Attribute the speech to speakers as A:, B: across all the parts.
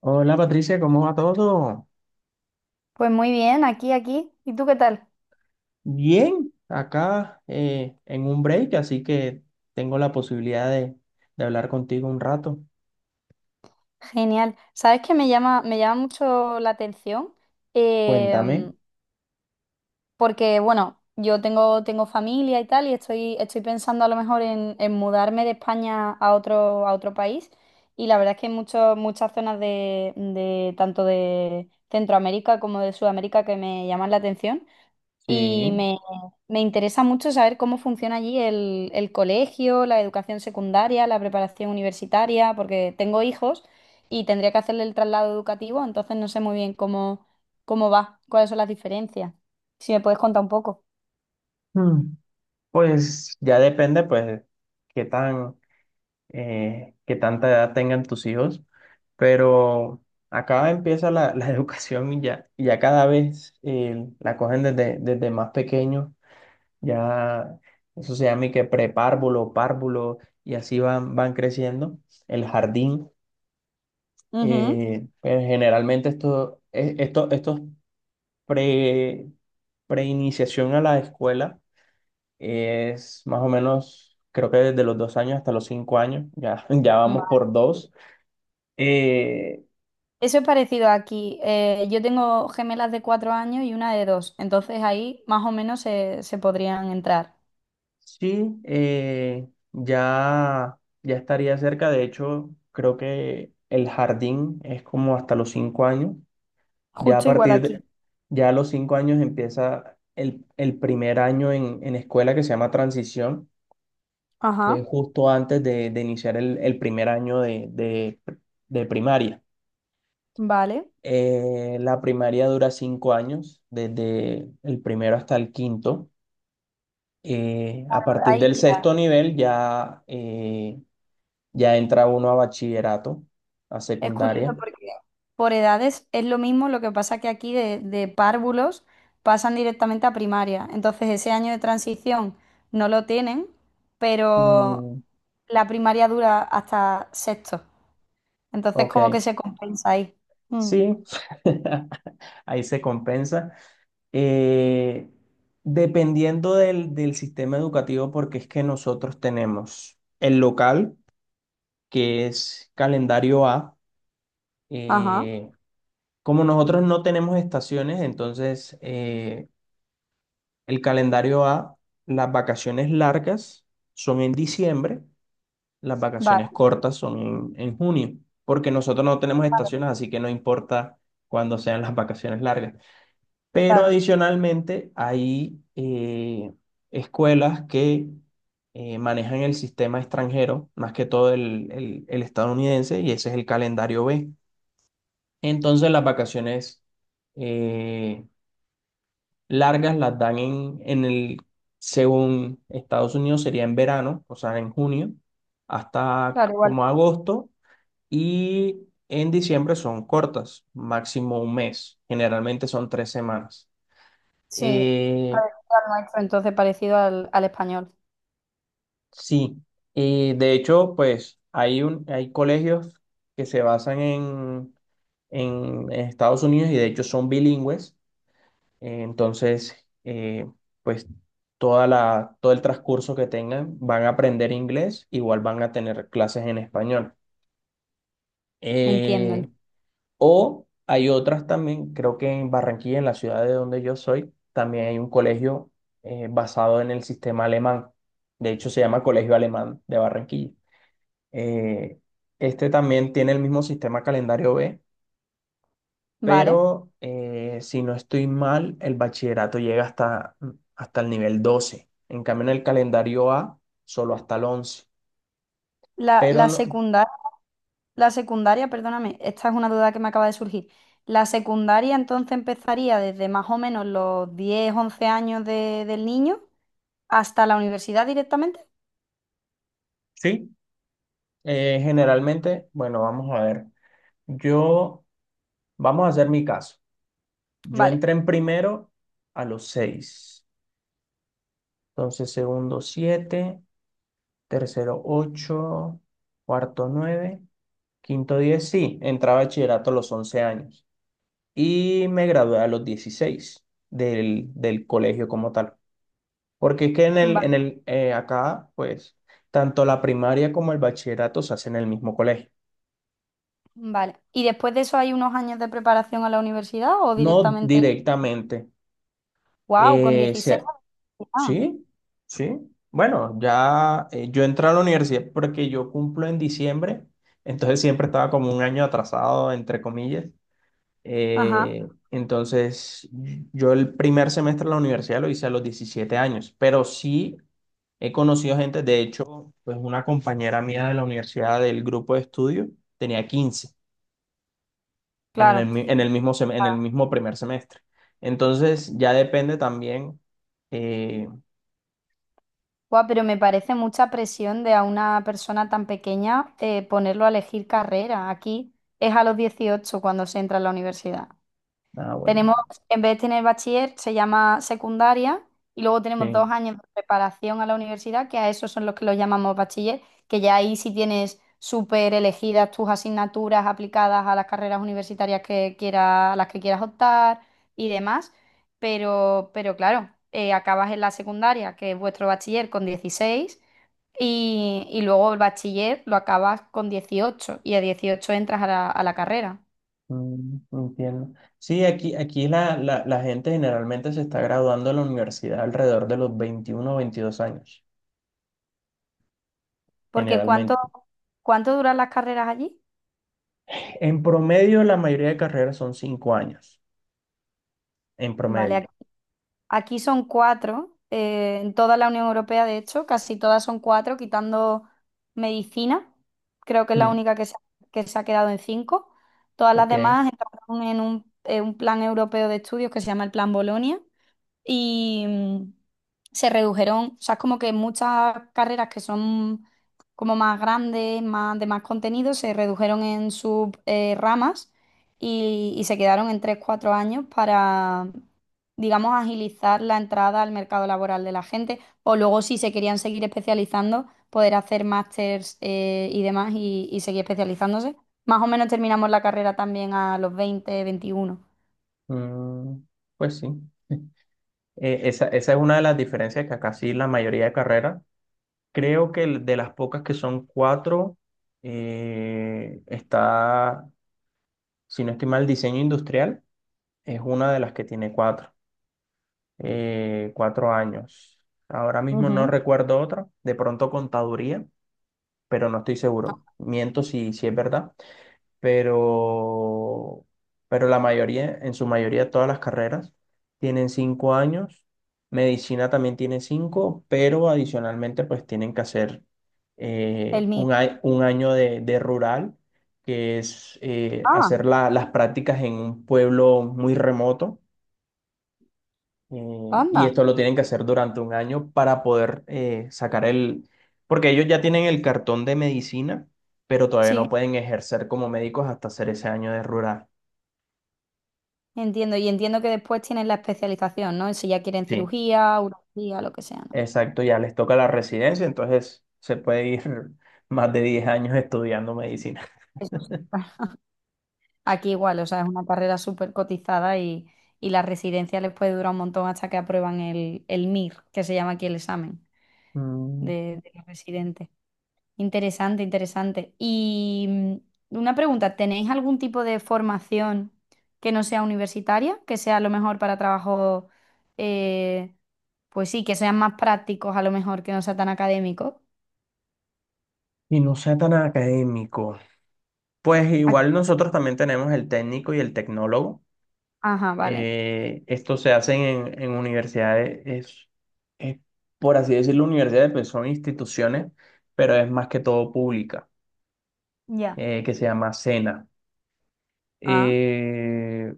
A: Hola Patricia, ¿cómo va todo?
B: Pues muy bien, aquí. ¿Y tú qué tal?
A: Bien, acá en un break, así que tengo la posibilidad de hablar contigo un rato.
B: Genial. ¿Sabes qué me llama mucho la atención?
A: Cuéntame.
B: Em, Porque, bueno, yo tengo familia y tal, y estoy pensando a lo mejor en mudarme de España a otro país. Y la verdad es que hay muchas zonas tanto de Centroamérica como de Sudamérica que me llaman la atención. Y
A: Sí.
B: me, Me interesa mucho saber cómo funciona allí el colegio, la educación secundaria, la preparación universitaria, porque tengo hijos y tendría que hacerle el traslado educativo, entonces no sé muy bien cómo, cómo va, cuáles son las diferencias. Si me puedes contar un poco.
A: Mm, Pues ya depende, pues, qué tan, qué tanta edad tengan tus hijos, pero acá empieza la educación y ya cada vez la cogen desde más pequeño. Ya eso se llama y que párvulo, y así van creciendo. El jardín,
B: Ujú.
A: pero generalmente esto, e- esto, estos pre, preiniciación a la escuela es más o menos, creo que desde los 2 años hasta los 5 años, ya vamos
B: Vale.
A: por dos. Eh,
B: Eso es parecido aquí. Yo tengo gemelas de 4 años y una de dos, entonces ahí más o menos se podrían entrar.
A: sí, ya estaría cerca, de hecho, creo que el jardín es como hasta los 5 años. Ya a
B: Justo igual
A: partir
B: aquí.
A: de, ya a los 5 años empieza el primer año en escuela que se llama transición, que es
B: Ajá,
A: justo antes de iniciar el primer año de primaria.
B: vale.
A: La primaria dura 5 años, desde el primero hasta el quinto. A partir
B: Ahí,
A: del
B: mira.
A: sexto nivel ya entra uno a bachillerato, a
B: Es curioso
A: secundaria.
B: porque por edades es lo mismo, lo que pasa que aquí de párvulos pasan directamente a primaria. Entonces ese año de transición no lo tienen, pero
A: Mm,
B: la primaria dura hasta sexto. Entonces
A: ok,
B: como que se compensa ahí. Mm.
A: sí, ahí se compensa. eh, dependiendo del sistema educativo, porque es que nosotros tenemos el local, que es calendario A.
B: Ajá,
A: eh, como nosotros no tenemos estaciones, entonces el calendario A, las vacaciones largas son en diciembre, las
B: vale,
A: vacaciones cortas son en junio, porque nosotros no tenemos estaciones, así que no importa cuándo sean las vacaciones largas. Pero
B: claro,
A: adicionalmente hay escuelas que manejan el sistema extranjero, más que todo el estadounidense, y ese es el calendario B. Entonces las vacaciones eh, largas las dan según Estados Unidos, sería en verano, o sea, en junio, hasta
B: claro, igual.
A: como agosto, y en diciembre son cortas, máximo un mes, generalmente son 3 semanas.
B: Sí,
A: Eh,
B: parecido al nuestro, entonces parecido al español.
A: Sí, y de hecho, pues hay colegios que se basan en Estados Unidos y de hecho son bilingües. Eh, entonces, eh, pues todo el transcurso que tengan van a aprender inglés, igual van a tener clases en español. Eh,
B: Entienden.
A: o hay otras también, creo que en Barranquilla, en la ciudad de donde yo soy, también hay un colegio basado en el sistema alemán. De hecho, se llama Colegio Alemán de Barranquilla. Eh, este también tiene el mismo sistema calendario B,
B: Vale.
A: pero si no estoy mal, el bachillerato llega hasta el nivel 12. En cambio, en el calendario A, solo hasta el 11. Pero
B: La
A: no-
B: secundaria. La secundaria, perdóname, esta es una duda que me acaba de surgir. La secundaria entonces empezaría desde más o menos los 10, 11 años del niño hasta la universidad directamente.
A: sí, generalmente, bueno, vamos a ver. Yo, Vamos a hacer mi caso. Yo
B: Vale,
A: entré en primero a los 6. Entonces, segundo 7, tercero 8, cuarto 9. Quinto 10, sí, entré a bachillerato a los 11 años y me gradué a los 16 del colegio como tal. Porque es que
B: vale,
A: acá, pues, tanto la primaria como el bachillerato se hacen en el mismo colegio.
B: vale. ¿Y después de eso hay unos años de preparación a la universidad o
A: No
B: directamente,
A: directamente.
B: wow, con
A: eh,
B: 16?
A: se-
B: Ah,
A: sí, sí. Bueno, ya yo entré a la universidad porque yo cumplo en diciembre, entonces siempre estaba como un año atrasado, entre comillas.
B: ajá,
A: Entonces, yo el primer semestre de la universidad lo hice a los 17 años, pero sí he conocido gente, de hecho, pues una compañera mía de la universidad del grupo de estudio tenía 15 en el,
B: claro.
A: mi- en el mismo, sem- en el mismo primer semestre. Entonces, ya depende también. eh,
B: Guau, pero me parece mucha presión de a una persona tan pequeña, ponerlo a elegir carrera. Aquí es a los 18 cuando se entra a la universidad.
A: ah, bueno,
B: Tenemos, en vez de tener bachiller, se llama secundaria y luego tenemos
A: sí,
B: dos años de preparación a la universidad, que a esos son los que los llamamos bachiller, que ya ahí sí tienes súper elegidas tus asignaturas aplicadas a las carreras universitarias que quieras, a las que quieras optar y demás. Pero claro, acabas en la secundaria, que es vuestro bachiller, con 16 y luego el bachiller lo acabas con 18 y a 18 entras a la carrera.
A: entiendo. Sí, aquí la gente generalmente se está graduando de la universidad alrededor de los 21 o 22 años,
B: Porque ¿cuánto,
A: generalmente.
B: cuánto duran las carreras allí?
A: En promedio, la mayoría de carreras son 5 años, en
B: Vale,
A: promedio.
B: aquí son cuatro, en toda la Unión Europea, de hecho, casi todas son cuatro, quitando medicina, creo que es la
A: Mm,
B: única que se ha quedado en 5. Todas las
A: Ok,
B: demás entraron en un plan europeo de estudios que se llama el Plan Bolonia, y mm, se redujeron, o sea, es como que muchas carreras que son como más grandes, más de más contenido, se redujeron en sus ramas y se quedaron en 3 4 años para, digamos, agilizar la entrada al mercado laboral de la gente o luego si se querían seguir especializando, poder hacer másters y demás y seguir especializándose. Más o menos terminamos la carrera también a los 20 21.
A: mm, pues sí. Esa es una de las diferencias que acá sí la mayoría de carreras. Creo que de las pocas que son cuatro, está, si no estoy mal, diseño industrial es una de las que tiene cuatro años. Ahora mismo no
B: Ujú.
A: recuerdo otra, de pronto contaduría, pero no estoy seguro. Miento si es verdad. pero, pero la mayoría, en su mayoría, todas las carreras tienen 5 años. Medicina también tiene cinco, pero adicionalmente pues tienen que hacer eh,
B: El mío.
A: un, a- un año de rural, que es
B: Ah,
A: hacer las prácticas en un pueblo muy remoto y
B: anda.
A: esto lo tienen que hacer durante un año para poder porque ellos ya tienen el cartón de medicina, pero todavía no
B: Sí,
A: pueden ejercer como médicos hasta hacer ese año de rural.
B: entiendo. Y entiendo que después tienen la especialización, ¿no? Si ya quieren
A: Sí,
B: cirugía, urología, lo que sea, ¿no?
A: exacto, ya les toca la residencia, entonces se puede ir más de 10 años estudiando medicina.
B: Eso es- Aquí igual, o sea, es una carrera súper cotizada y la residencia les puede durar un montón hasta que aprueban el MIR, que se llama aquí el examen
A: Mm,
B: de los residentes. Interesante, interesante. Y mm, una pregunta, ¿tenéis algún tipo de formación que no sea universitaria, que sea a lo mejor para trabajo... eh, pues sí, que sean más prácticos a lo mejor, que no sea tan académico?
A: Y no sea tan académico. Pues
B: Ah,
A: igual nosotros también tenemos el técnico y el tecnólogo.
B: ajá, vale.
A: Estos se hacen en universidades, es, por así decirlo, universidades, pues son instituciones, pero es más que todo pública,
B: Ya.
A: que se llama SENA.
B: Ah,
A: Eh,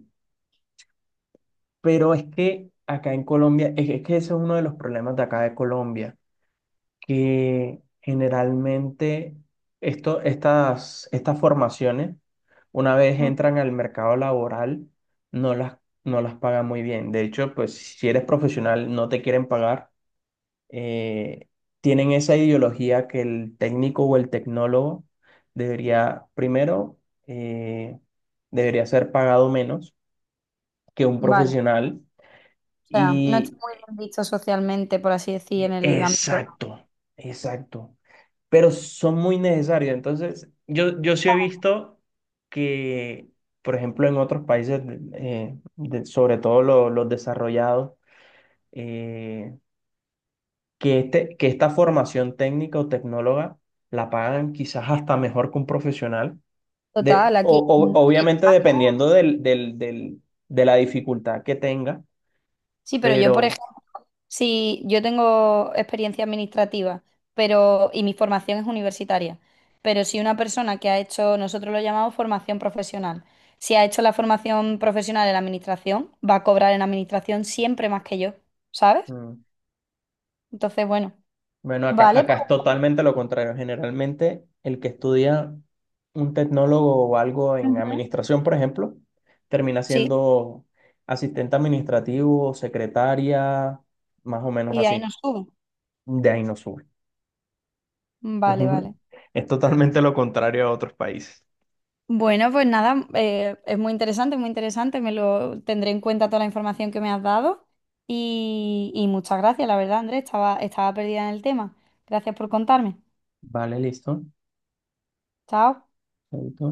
A: pero es que acá en Colombia, es que ese es uno de los problemas de acá de Colombia, que generalmente estas formaciones, una vez
B: mm,
A: entran al mercado laboral, no las, no las pagan muy bien. De hecho, pues si eres profesional, no te quieren pagar, eh, tienen esa ideología que el técnico o el tecnólogo debería, primero, eh, debería ser pagado menos que un
B: vale. O
A: profesional.
B: sea, no está
A: Y
B: muy bien visto socialmente, por así decir, en el ámbito
A: exacto, exacto. Pero son muy necesarios. Entonces, yo sí he visto que, por ejemplo, en otros países, sobre todo los desarrollados, eh, que esta formación técnica o tecnóloga la pagan quizás hasta mejor que un profesional,
B: total aquí.
A: obviamente dependiendo de la dificultad que tenga,
B: Sí, pero yo, por
A: pero
B: ejemplo, sí, yo tengo experiencia administrativa, pero y mi formación es universitaria. Pero si una persona que ha hecho, nosotros lo llamamos formación profesional, si ha hecho la formación profesional en administración, va a cobrar en administración siempre más que yo, ¿sabes?
A: mm,
B: Entonces, bueno,
A: bueno, acá,
B: vale,
A: acá es totalmente lo contrario. Generalmente el que estudia un tecnólogo o algo
B: pues,
A: en
B: ujú.
A: administración, por ejemplo, termina
B: Sí,
A: siendo asistente administrativo, secretaria, más o menos
B: y de ahí
A: así.
B: nos sube.
A: De ahí no sube. Es
B: Vale, vale.
A: un- es totalmente lo contrario a otros países.
B: Bueno, pues nada, es muy interesante, muy interesante. Me lo tendré en cuenta toda la información que me has dado. Y muchas gracias, la verdad, Andrés. Estaba perdida en el tema. Gracias por contarme.
A: Vale, listo.
B: Chao.
A: Chaito.